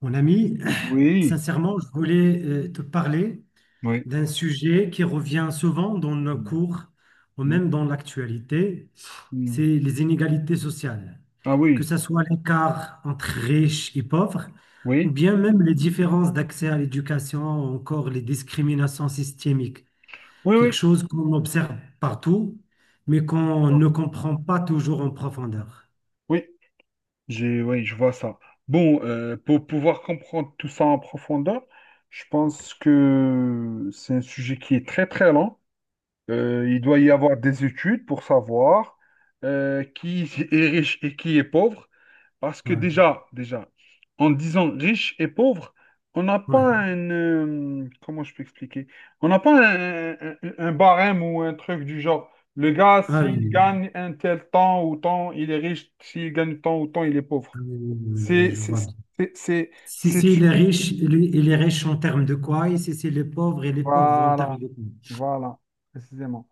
Mon ami, Oui, sincèrement, je voulais te parler oui. d'un sujet qui revient souvent dans nos Mm, cours ou mm, même dans l'actualité. C'est mm. les inégalités sociales, Ah que oui, ce soit l'écart entre riches et pauvres, ou oui, bien même les différences d'accès à l'éducation, ou encore les discriminations systémiques, oui, quelque oui. chose qu'on observe partout, mais qu'on Ah, ne comprend pas toujours en profondeur. oui, oui, je vois ça. Bon, pour pouvoir comprendre tout ça en profondeur, je pense que c'est un sujet qui est très très lent. Il doit y avoir des études pour savoir qui est riche et qui est pauvre. Parce que Ouais, déjà, en disant riche et pauvre, on n'a pas ouais. un. Comment je peux expliquer? On n'a pas un barème ou un truc du genre. Le gars, Ah s'il oui, gagne un tel temps ou temps, il est riche. S'il gagne tant ou tant, il est ah pauvre. oui, oui, oui, oui, oui, C'est... je C'est... vois. C'est... c'est- Si c'est c'est les subjectif. riches, et les riches en termes de quoi? Et si c'est les pauvres, et les pauvres en termes Voilà. de quoi? Voilà. Précisément.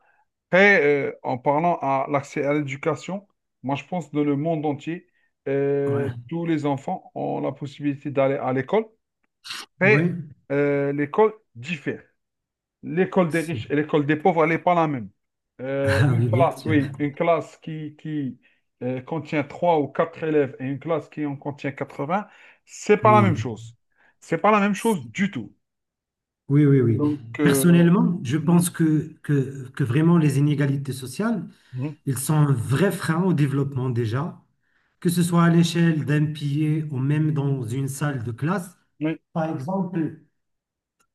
Après, en parlant à l'accès à l'éducation, moi, je pense que dans le monde entier, Ouais. tous les enfants ont la possibilité d'aller à l'école. Mais Ouais. L'école diffère. L'école des C'est- riches et l'école des pauvres, elle n'est pas la même. Ah Une oui, bien classe, sûr. oui, une classe qui contient trois ou quatre élèves et une classe qui en contient 80, c'est pas la même Oui. chose. C'est pas la même chose C'est- du tout. Oui, oui, oui. Donc, voilà. Personnellement, je Mhm, pense que, que vraiment les inégalités sociales, mhm, ils sont un vrai frein au développement déjà, que ce soit à l'échelle d'un pays ou même dans une salle de classe. oui, Par exemple,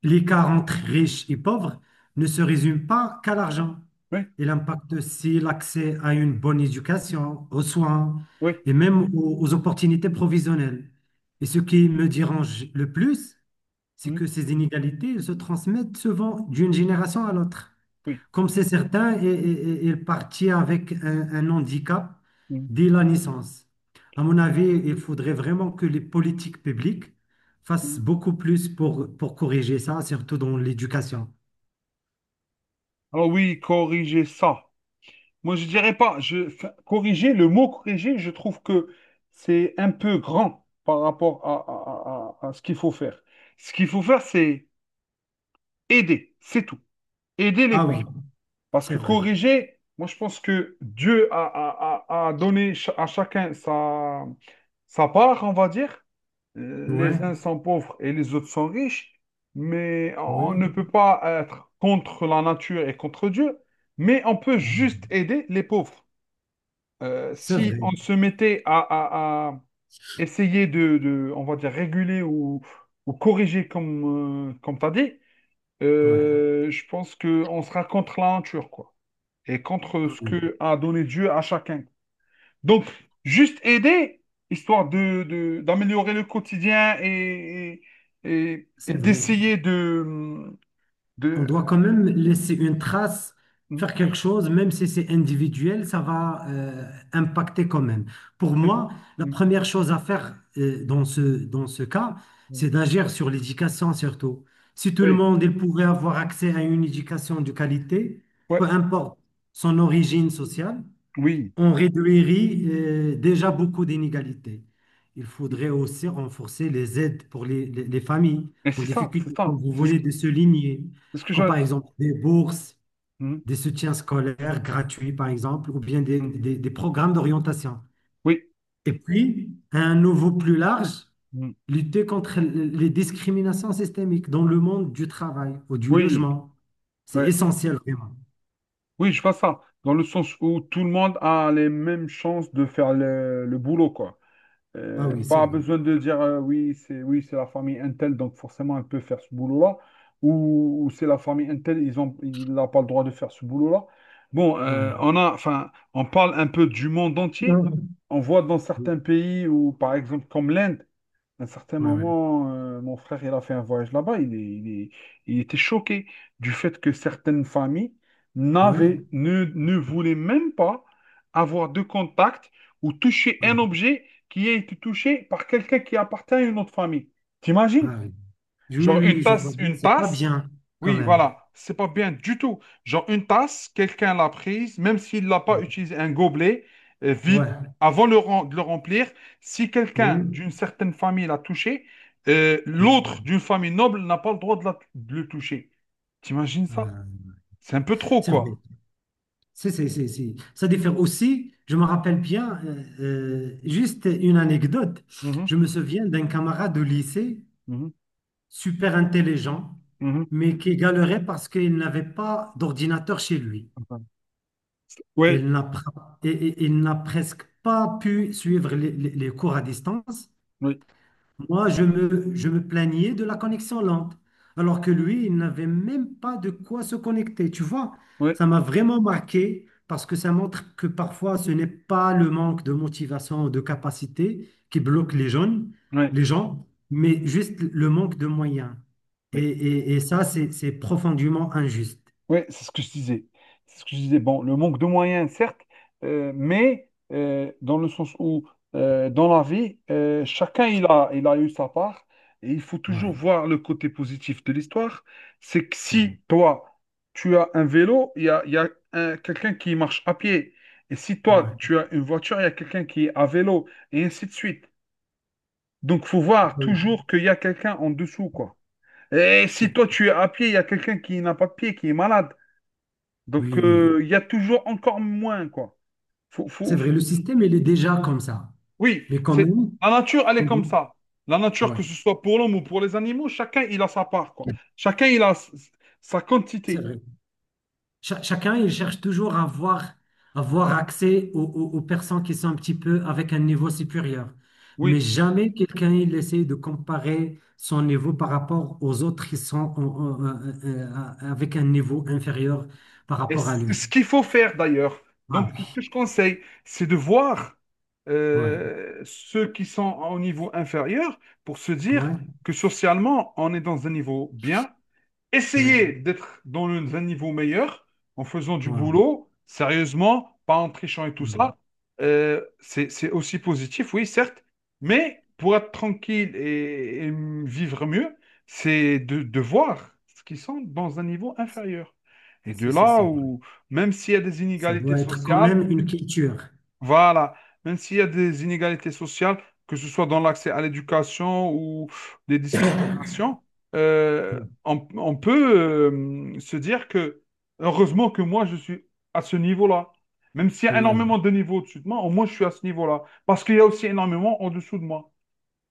l'écart entre riches et pauvres ne se résume pas qu'à l'argent. oui, Il impacte aussi l'accès à une bonne éducation, aux soins oui, et même aux opportunités provisionnelles. Et ce qui me dérange le plus, c'est mhm, que ces inégalités se transmettent souvent d'une génération à l'autre. oui. Comme c'est certain, il partit avec un handicap Mhm, dès la naissance. À mon avis, il faudrait vraiment que les politiques publiques fassent mhm. beaucoup plus pour corriger ça, surtout dans l'éducation. Alors oui, corriger ça. Moi, je dirais pas. Enfin, corriger, le mot corriger, je trouve que c'est un peu grand par rapport à ce qu'il faut faire. Ce qu'il faut faire, c'est aider, c'est tout. Aider les Ah oui, pauvres. Parce c'est que vrai. corriger, moi, je pense que Dieu a donné à chacun sa part, on va dire. Ouais, Les uns sont pauvres et les autres sont riches. Mais on ne oui. peut pas être contre la nature et contre Dieu. Mais on peut Ah, juste aider les pauvres. C'est Si vrai. on se mettait à essayer de, on va dire, réguler ou corriger comme tu as dit, Ouais. Je pense qu'on sera contre la nature, quoi, et contre Ah ce oui, que a donné Dieu à chacun. Donc, juste aider, histoire de, d'améliorer le quotidien et, et, et- et c'est vrai. d'essayer de, On de... doit quand même laisser une trace, Oui, faire quelque chose, même si c'est individuel, ça va impacter quand même. Pour moi, la oui, première chose à faire dans ce cas, c'est d'agir sur l'éducation surtout. Si tout le monde il pourrait avoir accès à une éducation de qualité, ouais, peu importe son origine sociale, oui. on réduirait déjà beaucoup d'inégalités. Il faudrait aussi renforcer les aides pour les, les familles Mais en c'est ça, c'est difficulté, ça, comme vous venez de souligner, c'est ce que je. comme par exemple des bourses, Hmm. des soutiens scolaires gratuits, par exemple, ou bien des, Mm. Des programmes d'orientation. Oui, Et puis, à un niveau plus large, mm, lutter contre les discriminations systémiques dans le monde du travail ou du oui, logement. C'est ouais. essentiel, vraiment. Oui, je vois ça. Dans le sens où tout le monde a les mêmes chances de faire le boulot, quoi. Ah oui, c'est Pas vrai. besoin de dire oui, c'est la famille Intel, donc forcément elle peut faire ce boulot-là. Ou c'est la famille Intel, il n'a pas le droit de faire ce boulot-là. Bon, Ouais. Enfin, on parle un peu du monde Ouais, ouais. entier. On voit dans certains pays où, par exemple, comme l'Inde. À un certain Ouais, moment, mon frère, il a fait un voyage là-bas. Il était choqué du fait que certaines familles ouais. n'avaient, ne, ne voulaient même pas avoir de contact ou toucher un Ouais. objet qui a été touché par quelqu'un qui appartient à une autre famille. T'imagines? Ah oui. Oui, oui, Genre oui, je vois bien, une c'est pas tasse, bien quand oui, même. voilà, c'est pas bien du tout. Genre une tasse, quelqu'un l'a prise, même s'il l'a pas utilisé un gobelet vide Ouais, avant de le remplir, si quelqu'un oui. d'une certaine famille l'a touché, l'autre Oui. d'une famille noble n'a pas le droit de le toucher. T'imagines ça? Euh, C'est un peu trop, c'est vrai. quoi. C'est, c'est. Ça diffère aussi, je me rappelle bien, juste une anecdote. Mhm, Je me souviens d'un camarade de lycée, mhm, super intelligent, mhm. mais qui galérait parce qu'il n'avait pas d'ordinateur chez lui. Ouais, Il n'a, pr- et- Il n'a presque pas pu suivre les les cours à distance. oui, Moi, je me plaignais de la connexion lente, alors que lui, il n'avait même pas de quoi se connecter. Tu vois, oui, ça m'a vraiment marqué parce que ça montre que parfois, ce n'est pas le manque de motivation ou de capacité qui bloque les jeunes, oui, les gens, mais juste le manque de moyens. Et, oui. Et ça, c'est profondément injuste. Oui, c'est ce que je disais. C'est ce que je disais. Bon, le manque de moyens, certes, mais dans le sens où, dans la vie, chacun il a eu sa part. Et il faut toujours Ouais, voir le côté positif de l'histoire. C'est que c'est vrai. si toi, tu as un vélo, il y a quelqu'un qui marche à pied. Et si toi, Ouais. tu as une voiture, il y a quelqu'un qui est à vélo, et ainsi de suite. Donc, faut Ah voir oui, toujours qu'il y a quelqu'un en dessous, quoi. Et si c'est- toi, tu es à pied, il y a quelqu'un qui n'a pas de pied, qui est malade. Donc, oui. Oui. Il y a toujours encore moins, quoi. Faut, C'est faut, vrai, le faut- système, il est déjà comme ça. Oui, Mais quand c'est même, la nature, elle est comme on... ça. La nature, que ouais, ce soit pour l'homme ou pour les animaux, chacun il a sa part, quoi. Chacun il a sa c'est quantité. vrai. Chacun, il cherche toujours à avoir, avoir Mhm. accès aux, aux personnes qui sont un petit peu avec un niveau supérieur. Mais Oui. jamais quelqu'un, il essaie de comparer son niveau par rapport aux autres qui sont euh, avec un niveau inférieur par Et rapport à c- ce lui. qu'il faut faire d'ailleurs, Ah donc ce oui, que je conseille, c'est de voir ouais, ceux qui sont au niveau inférieur pour se dire ouais, que socialement, on est dans un niveau bien, essayer ouais, d'être dans un niveau meilleur en faisant du ouais, boulot, sérieusement, pas en trichant et tout ouais. ça. C'est aussi positif, oui, certes, mais pour être tranquille et vivre mieux, c'est de voir ce qu'ils sont dans un niveau inférieur. Et de là C'est vrai. où, même s'il y a des Ça inégalités doit être quand sociales, même une culture. voilà. Même s'il y a des inégalités sociales, que ce soit dans l'accès à l'éducation ou des discriminations, euh, on peut se dire que heureusement que moi, je suis à ce niveau-là. Même s'il y a Ouais, énormément de niveaux au-dessus de moi, au moins je suis à ce niveau-là. Parce qu'il y a aussi énormément en dessous de moi.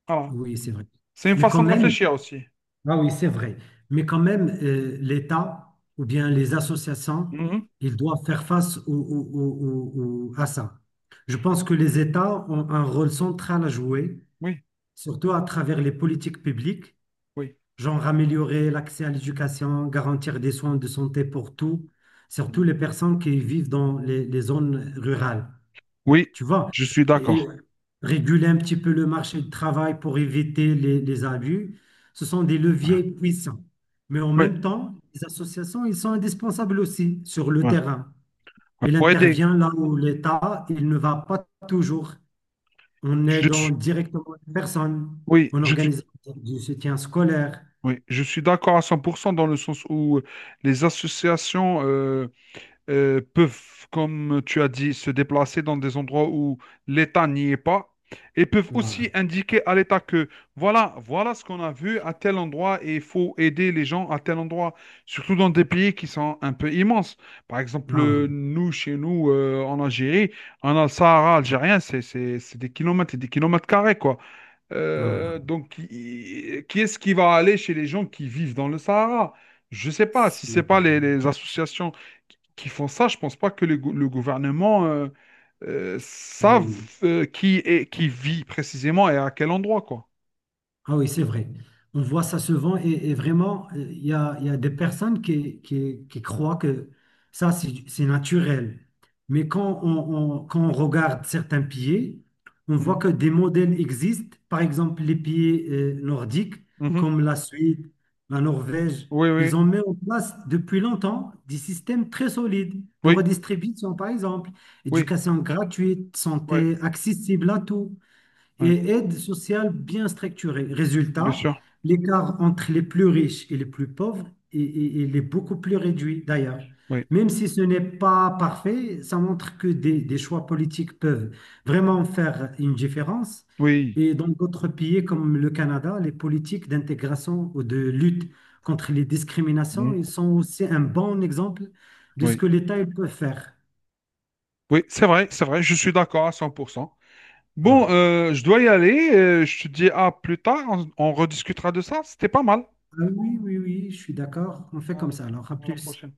Voilà. oui, c'est vrai. C'est une Mais quand façon de même, réfléchir aussi. ah oui, c'est vrai. Mais quand même, l'État ou bien les associations, Mhm. ils doivent faire face à ça. Je pense que les États ont un rôle central à jouer, Oui, surtout à travers les politiques publiques, oui. genre améliorer l'accès à l'éducation, garantir des soins de santé pour tous, surtout Mhm. les personnes qui vivent dans les zones rurales. Oui, Tu vois, je suis et d'accord. réguler un petit peu le marché du travail pour éviter les abus, ce sont des Ouais. leviers puissants. Mais en Ouais, même temps, les associations, ils sont indispensables aussi sur le ouais, terrain. ouais. Il Pour aider, intervient là où l'État, il ne va pas toujours. On je aide en suis... directement les personnes, Oui, on organise du soutien scolaire. Oui, je suis d'accord à 100% dans le sens où les associations peuvent, comme tu as dit, se déplacer dans des endroits où l'État n'y est pas et peuvent Ouais. aussi indiquer à l'État que voilà, voilà ce qu'on a vu à tel endroit et il faut aider les gens à tel endroit, surtout dans des pays qui sont un peu immenses. Par exemple, Ah oui, nous, chez nous, en Algérie, on a le Sahara algérien, c'est des kilomètres et des kilomètres carrés, quoi. ah, Donc, qui est-ce qui va aller chez les gens qui vivent dans le Sahara? Je ne sais pas. Si ce n'est pas les, c'est- les associations qui font ça, je ne pense pas que le gouvernement savent oui. Qui vit précisément et à quel endroit, quoi. Ah oui, c'est vrai. On voit ça souvent et vraiment, il y a des personnes qui, qui croient que ça, c'est naturel. Mais quand quand on regarde certains pieds, on voit Mhm. que des modèles existent. Par exemple, les pieds nordiques, Mhm. comme la Suède, la Norvège, Oui, oui, ils ont mis en place depuis longtemps des systèmes très solides de oui, redistribution, par exemple, oui, éducation gratuite, oui, santé accessible à tous oui, et aide sociale bien structurée. bien Résultat, sûr, l'écart entre les plus riches et les plus pauvres, il est beaucoup plus réduit d'ailleurs. oui, Même si ce n'est pas parfait, ça montre que des, choix politiques peuvent vraiment faire une différence. oui, Et dans d'autres pays comme le Canada, les politiques d'intégration ou de lutte contre les discriminations, ils mhm, sont aussi un bon exemple de ce oui, que l'État il peut faire. oui, c'est vrai, je suis d'accord à 100%. Bon, Ouais. Je dois y aller, je te dis à plus tard, on rediscutera de ça, c'était pas mal. Ah oui, oui, oui, je suis d'accord. On fait comme Allez, ça. Alors, à à la plus. prochaine.